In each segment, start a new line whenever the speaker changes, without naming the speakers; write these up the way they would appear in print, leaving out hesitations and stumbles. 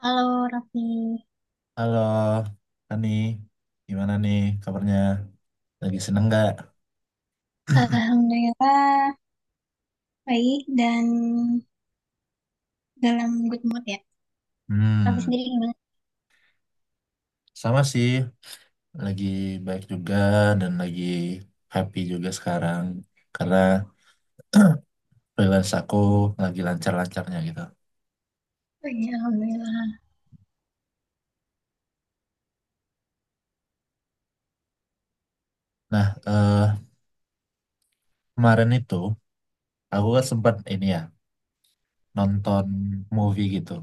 Halo Raffi,
Halo, Ani, gimana nih kabarnya? Lagi seneng nggak?
Alhamdulillah baik dan dalam good mood ya. Raffi
Hmm.
sendiri gimana?
Sama sih, lagi baik juga dan lagi happy juga sekarang karena freelance aku lagi lancar-lancarnya gitu.
Oh, iya, Alhamdulillah.
Nah, kemarin itu aku kan sempat ini ya, nonton movie gitu.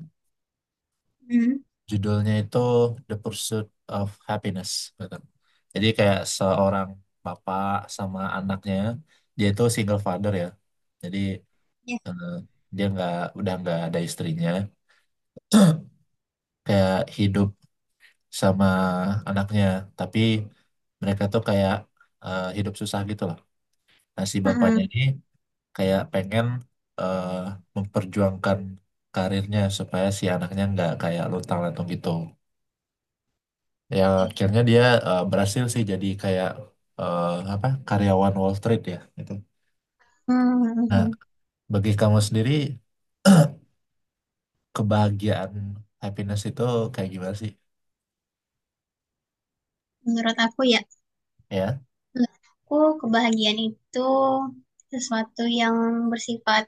Hmm,
Judulnya itu The Pursuit of Happiness. Betul. Jadi kayak seorang bapak sama anaknya, dia itu single father ya. Jadi
ya.
eh, dia nggak udah nggak ada istrinya, kayak hidup sama anaknya. Tapi mereka tuh kayak hidup susah gitu loh. Nah, si bapaknya
Mm-mm.
ini kayak pengen eh, memperjuangkan karirnya supaya si anaknya nggak kayak luntang-lantung gitu. Ya akhirnya dia berhasil sih jadi kayak eh, apa, karyawan Wall Street ya gitu. Nah,
Hmm,
bagi kamu sendiri kebahagiaan, happiness itu kayak gimana sih?
menurut aku ya,
Ya.
menurut aku kebahagiaan itu sesuatu yang bersifat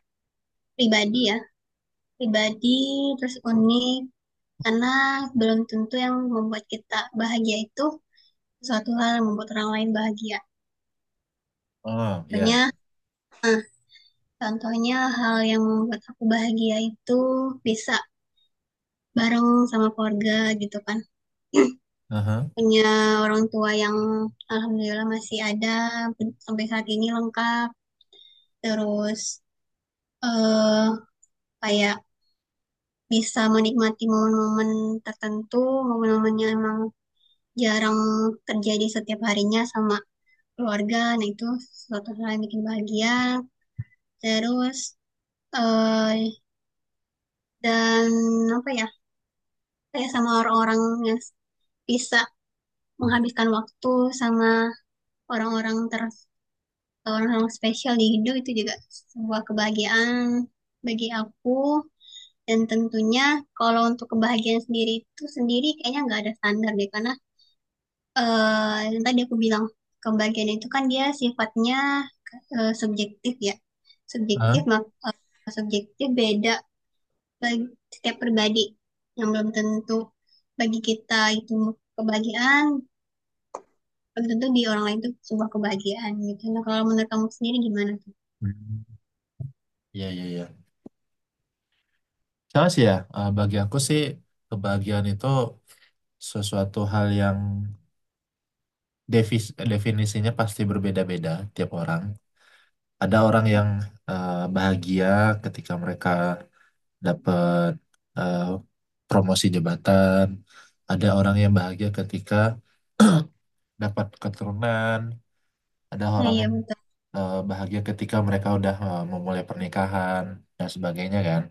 pribadi ya, pribadi terus unik karena belum tentu yang membuat kita bahagia itu sesuatu hal yang membuat orang lain bahagia.
Oh, ya.
Banyak contohnya, hal yang membuat aku bahagia itu bisa bareng sama keluarga gitu kan.
Aha.
Punya orang tua yang alhamdulillah masih ada sampai saat ini lengkap. Terus eh kayak bisa menikmati momen-momen tertentu, momen-momen yang emang jarang terjadi setiap harinya sama keluarga. Nah itu suatu hal yang bikin bahagia. Terus eh dan apa ya? Kayak sama orang-orang yang bisa menghabiskan waktu sama orang-orang ter orang-orang spesial di hidup itu juga sebuah kebahagiaan bagi aku, dan tentunya kalau untuk kebahagiaan sendiri itu sendiri kayaknya nggak ada standar deh karena yang tadi aku bilang, kebahagiaan itu kan dia sifatnya subjektif ya, subjektif
Hah?
maka subjektif beda bagi setiap pribadi, yang belum tentu bagi kita itu kebahagiaan, belum tentu di orang lain tuh sebuah kebahagiaan gitu. Nah, kalau menurut kamu sendiri gimana tuh?
Hmm. Iya, iya, iya. Sama sih ya. Bagi aku sih, kebahagiaan itu sesuatu hal yang definisinya pasti berbeda-beda tiap orang. Ada orang yang bahagia ketika mereka dapat eh, promosi jabatan, ada orang yang bahagia ketika dapat keturunan, ada
Nah,
orang
iya
yang
betul.
bahagia ketika mereka udah memulai pernikahan dan sebagainya kan.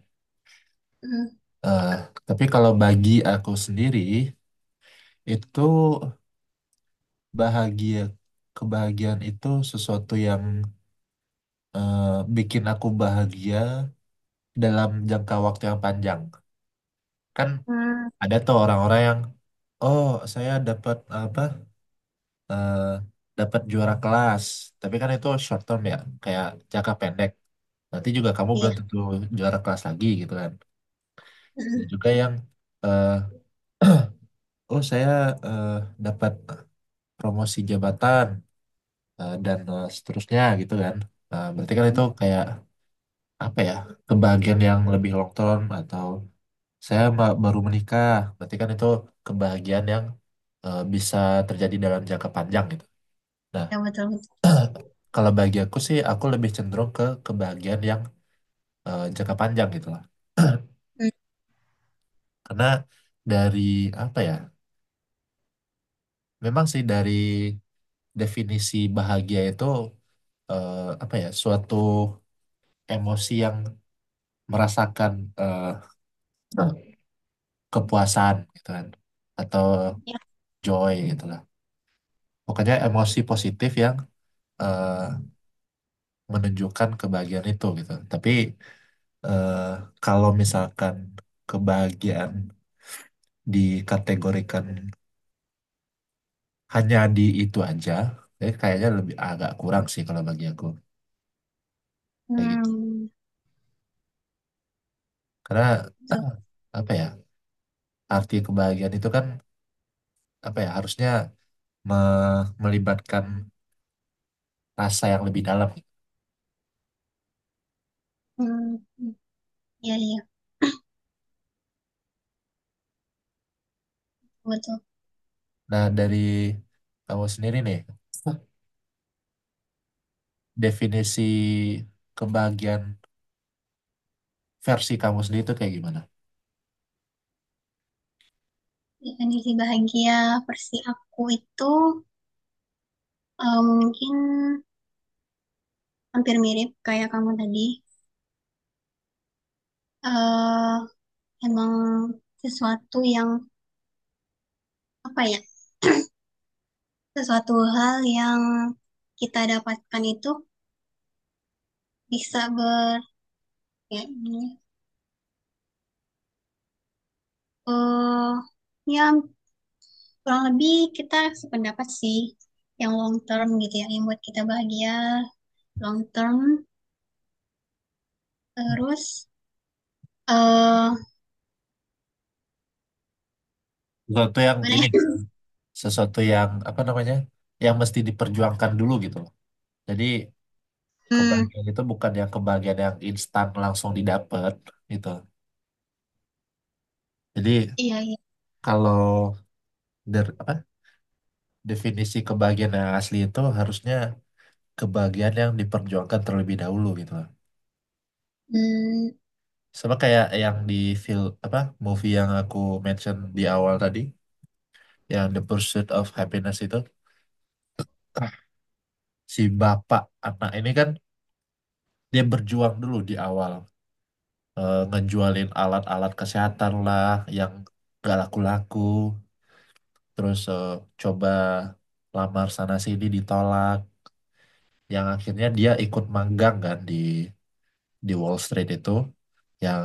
Mm.
Eh, tapi kalau bagi aku sendiri, itu bahagia, kebahagiaan itu sesuatu yang eh, bikin aku bahagia dalam jangka waktu yang panjang. Kan
Hmm,
ada tuh orang-orang yang, oh saya dapat apa, eh, dapat juara kelas, tapi kan itu short term ya, kayak jangka pendek. Nanti juga kamu belum
iya.
tentu juara kelas lagi gitu kan. Dan
Mm.
juga yang eh, oh saya eh, dapat promosi jabatan dan seterusnya gitu kan. Nah, berarti kan itu kayak apa ya, kebahagiaan yang lebih long term, atau saya baru menikah, berarti kan itu kebahagiaan yang bisa terjadi dalam jangka panjang gitu. Nah,
Iya betul betul.
kalau bagi aku sih, aku lebih cenderung ke kebahagiaan yang jangka panjang gitu lah.
Mm.
Karena dari apa ya? Memang sih dari definisi bahagia itu apa ya? Suatu emosi yang merasakan eh, kepuasan gitu kan, atau joy gitu lah. Pokoknya emosi positif yang eh, menunjukkan kebahagiaan itu gitu. Tapi eh, kalau misalkan kebahagiaan dikategorikan hanya di itu aja, jadi kayaknya lebih agak kurang sih kalau bagi aku kayak gitu,
Hmm,
karena
betul.
apa ya, arti kebahagiaan itu kan, apa ya, harusnya melibatkan rasa yang lebih dalam.
Hmm, hmm. Iya iya betul.
Nah, dari kamu sendiri nih, definisi kebahagiaan versi kamu sendiri itu kayak gimana?
Definisi bahagia versi aku itu mungkin hampir mirip kayak kamu tadi. eh Emang sesuatu yang apa ya? Sesuatu hal yang kita dapatkan itu bisa ber ya, eh yang kurang lebih kita sependapat sih, yang long term gitu ya, yang buat kita bahagia long term. Terus eh
Sesuatu yang
gimana
ini
ya?
nggak? Sesuatu yang apa namanya, yang mesti diperjuangkan dulu gitu loh. Jadi
Hmm,
kebahagiaan itu bukan yang kebahagiaan yang instan langsung didapat gitu. Jadi
iya iya.
kalau apa, definisi kebahagiaan yang asli itu harusnya kebahagiaan yang diperjuangkan terlebih dahulu gitu loh.
Hmm,
Sama kayak yang di film apa, movie yang aku mention di awal tadi, yang The Pursuit of Happiness itu, si bapak anak ini kan dia berjuang dulu di awal, ngejualin alat-alat kesehatan lah yang gak laku-laku, terus coba lamar sana sini ditolak, yang akhirnya dia ikut magang kan di Wall Street itu, yang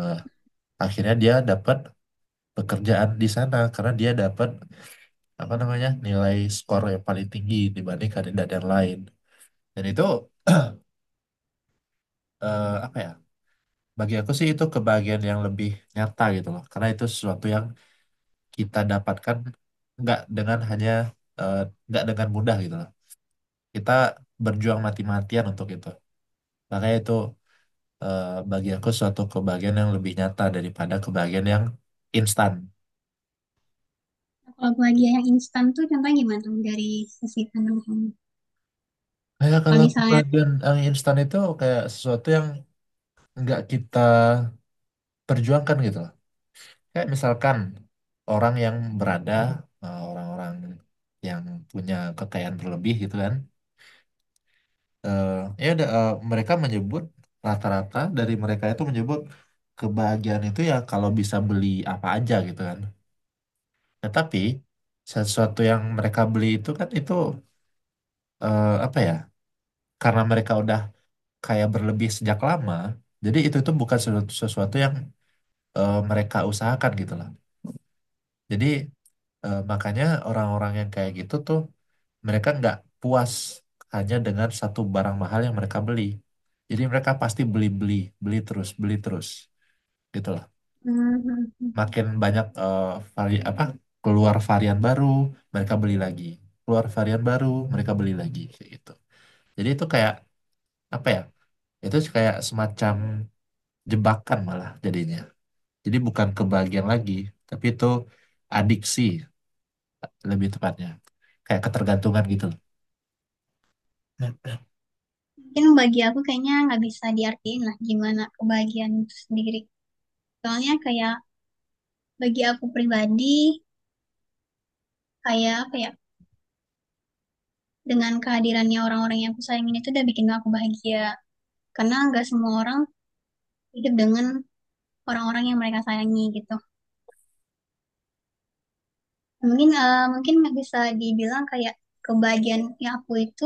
akhirnya dia dapat pekerjaan di sana karena dia dapat apa namanya, nilai skor yang paling tinggi dibanding kandidat yang lain. Dan itu apa ya, bagi aku sih itu kebahagiaan yang lebih nyata gitu loh, karena itu sesuatu yang kita dapatkan nggak dengan hanya eh, nggak dengan mudah gitu loh. Kita berjuang mati-matian untuk itu, makanya itu eh, bagi aku suatu kebahagiaan yang lebih nyata daripada kebahagiaan yang instan.
kalau bahagia yang instan tuh contohnya gimana tuh, dari sisi pandang kamu
Kayak
kalau
kalau
misalnya?
kebahagiaan yang instan itu kayak sesuatu yang nggak kita perjuangkan gitu loh. Kayak misalkan orang yang berada, orang-orang yang punya kekayaan berlebih gitu kan. eh, Ya udah, mereka menyebut, rata-rata dari mereka itu menyebut kebahagiaan itu ya kalau bisa beli apa aja gitu kan. Tetapi sesuatu yang mereka beli itu kan itu apa ya? Karena mereka udah kayak berlebih sejak lama. Jadi itu bukan sesuatu, yang mereka usahakan gitu lah. Jadi makanya orang-orang yang kayak gitu tuh mereka nggak puas hanya dengan satu barang mahal yang mereka beli. Jadi mereka pasti beli-beli, beli terus gitu lah.
Hmm, hmm, hmm.
Makin banyak vari apa keluar varian baru, mereka beli lagi. Keluar varian baru, mereka beli lagi kayak gitu. Jadi itu kayak apa ya? Itu kayak semacam jebakan malah jadinya. Jadi bukan kebahagiaan lagi, tapi itu adiksi, lebih tepatnya. Kayak ketergantungan gitu loh.
Mungkin bagi aku kayaknya nggak bisa diartiin lah gimana kebahagiaan itu sendiri, soalnya kayak bagi aku pribadi kayak apa ya, dengan kehadirannya orang-orang yang aku sayangin itu udah bikin aku bahagia, karena nggak semua orang hidup dengan orang-orang yang mereka sayangi gitu. Mungkin mungkin nggak bisa dibilang kayak kebahagiaan yang aku itu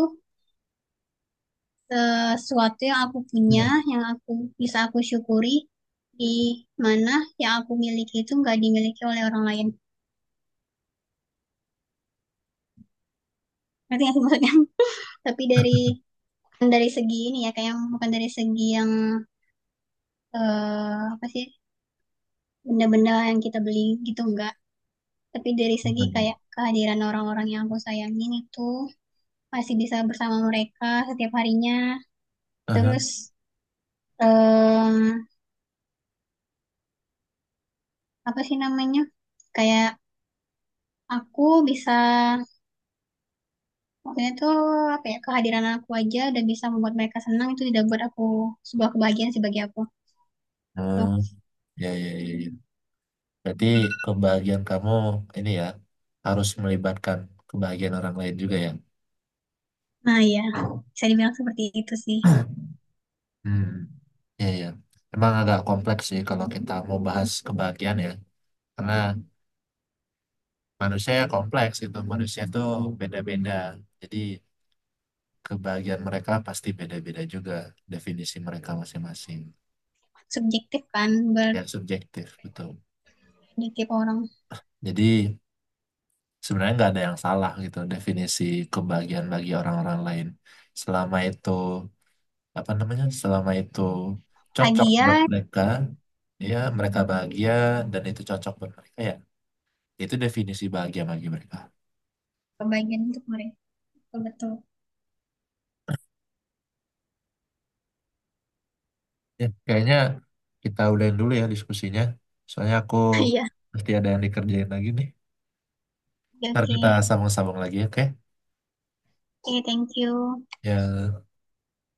sesuatu yang aku punya, yang bisa aku syukuri, di mana yang aku miliki itu nggak dimiliki oleh orang lain. Ngerti nggak sih maksudnya? Tapi dari, bukan dari segi ini ya, kayak yang- bukan dari segi yang apa sih, benda-benda yang kita beli gitu, enggak. Tapi dari segi kayak kehadiran orang-orang yang aku sayangin itu masih bisa bersama mereka setiap harinya.
Aha.
Terus eh apa sih namanya? Kayak aku bisa, maksudnya tuh apa ya, kehadiran aku aja udah bisa membuat mereka senang itu tidak, buat aku sebuah kebahagiaan sih bagi aku.
Hmm,
Tuh.
ya, ya, ya, ya. Berarti kebahagiaan kamu ini ya harus melibatkan kebahagiaan orang lain juga ya.
Nah ya, bisa dibilang seperti itu sih.
Hmm, ya, ya. Emang agak kompleks sih kalau kita mau bahas kebahagiaan ya. Karena manusia kompleks, itu manusia tuh beda-beda. Jadi kebahagiaan mereka pasti beda-beda juga, definisi mereka masing-masing,
Subjektif kan
ya
bagi
subjektif betul.
tiap orang.
Jadi sebenarnya nggak ada yang salah gitu, definisi kebahagiaan bagi orang-orang lain, selama itu apa namanya, selama itu cocok
Lagi
buat
ya,
mereka, ya mereka bahagia dan itu cocok buat mereka, ya itu definisi bahagia bagi mereka.
kebahagiaan untuk mereka. Betul.
Ya kayaknya kita udahin dulu ya diskusinya, soalnya aku
Iya.
mesti ada yang dikerjain lagi nih,
Oke,
ntar
oke.
kita sambung-sambung lagi, oke
Oke, thank you.
ya.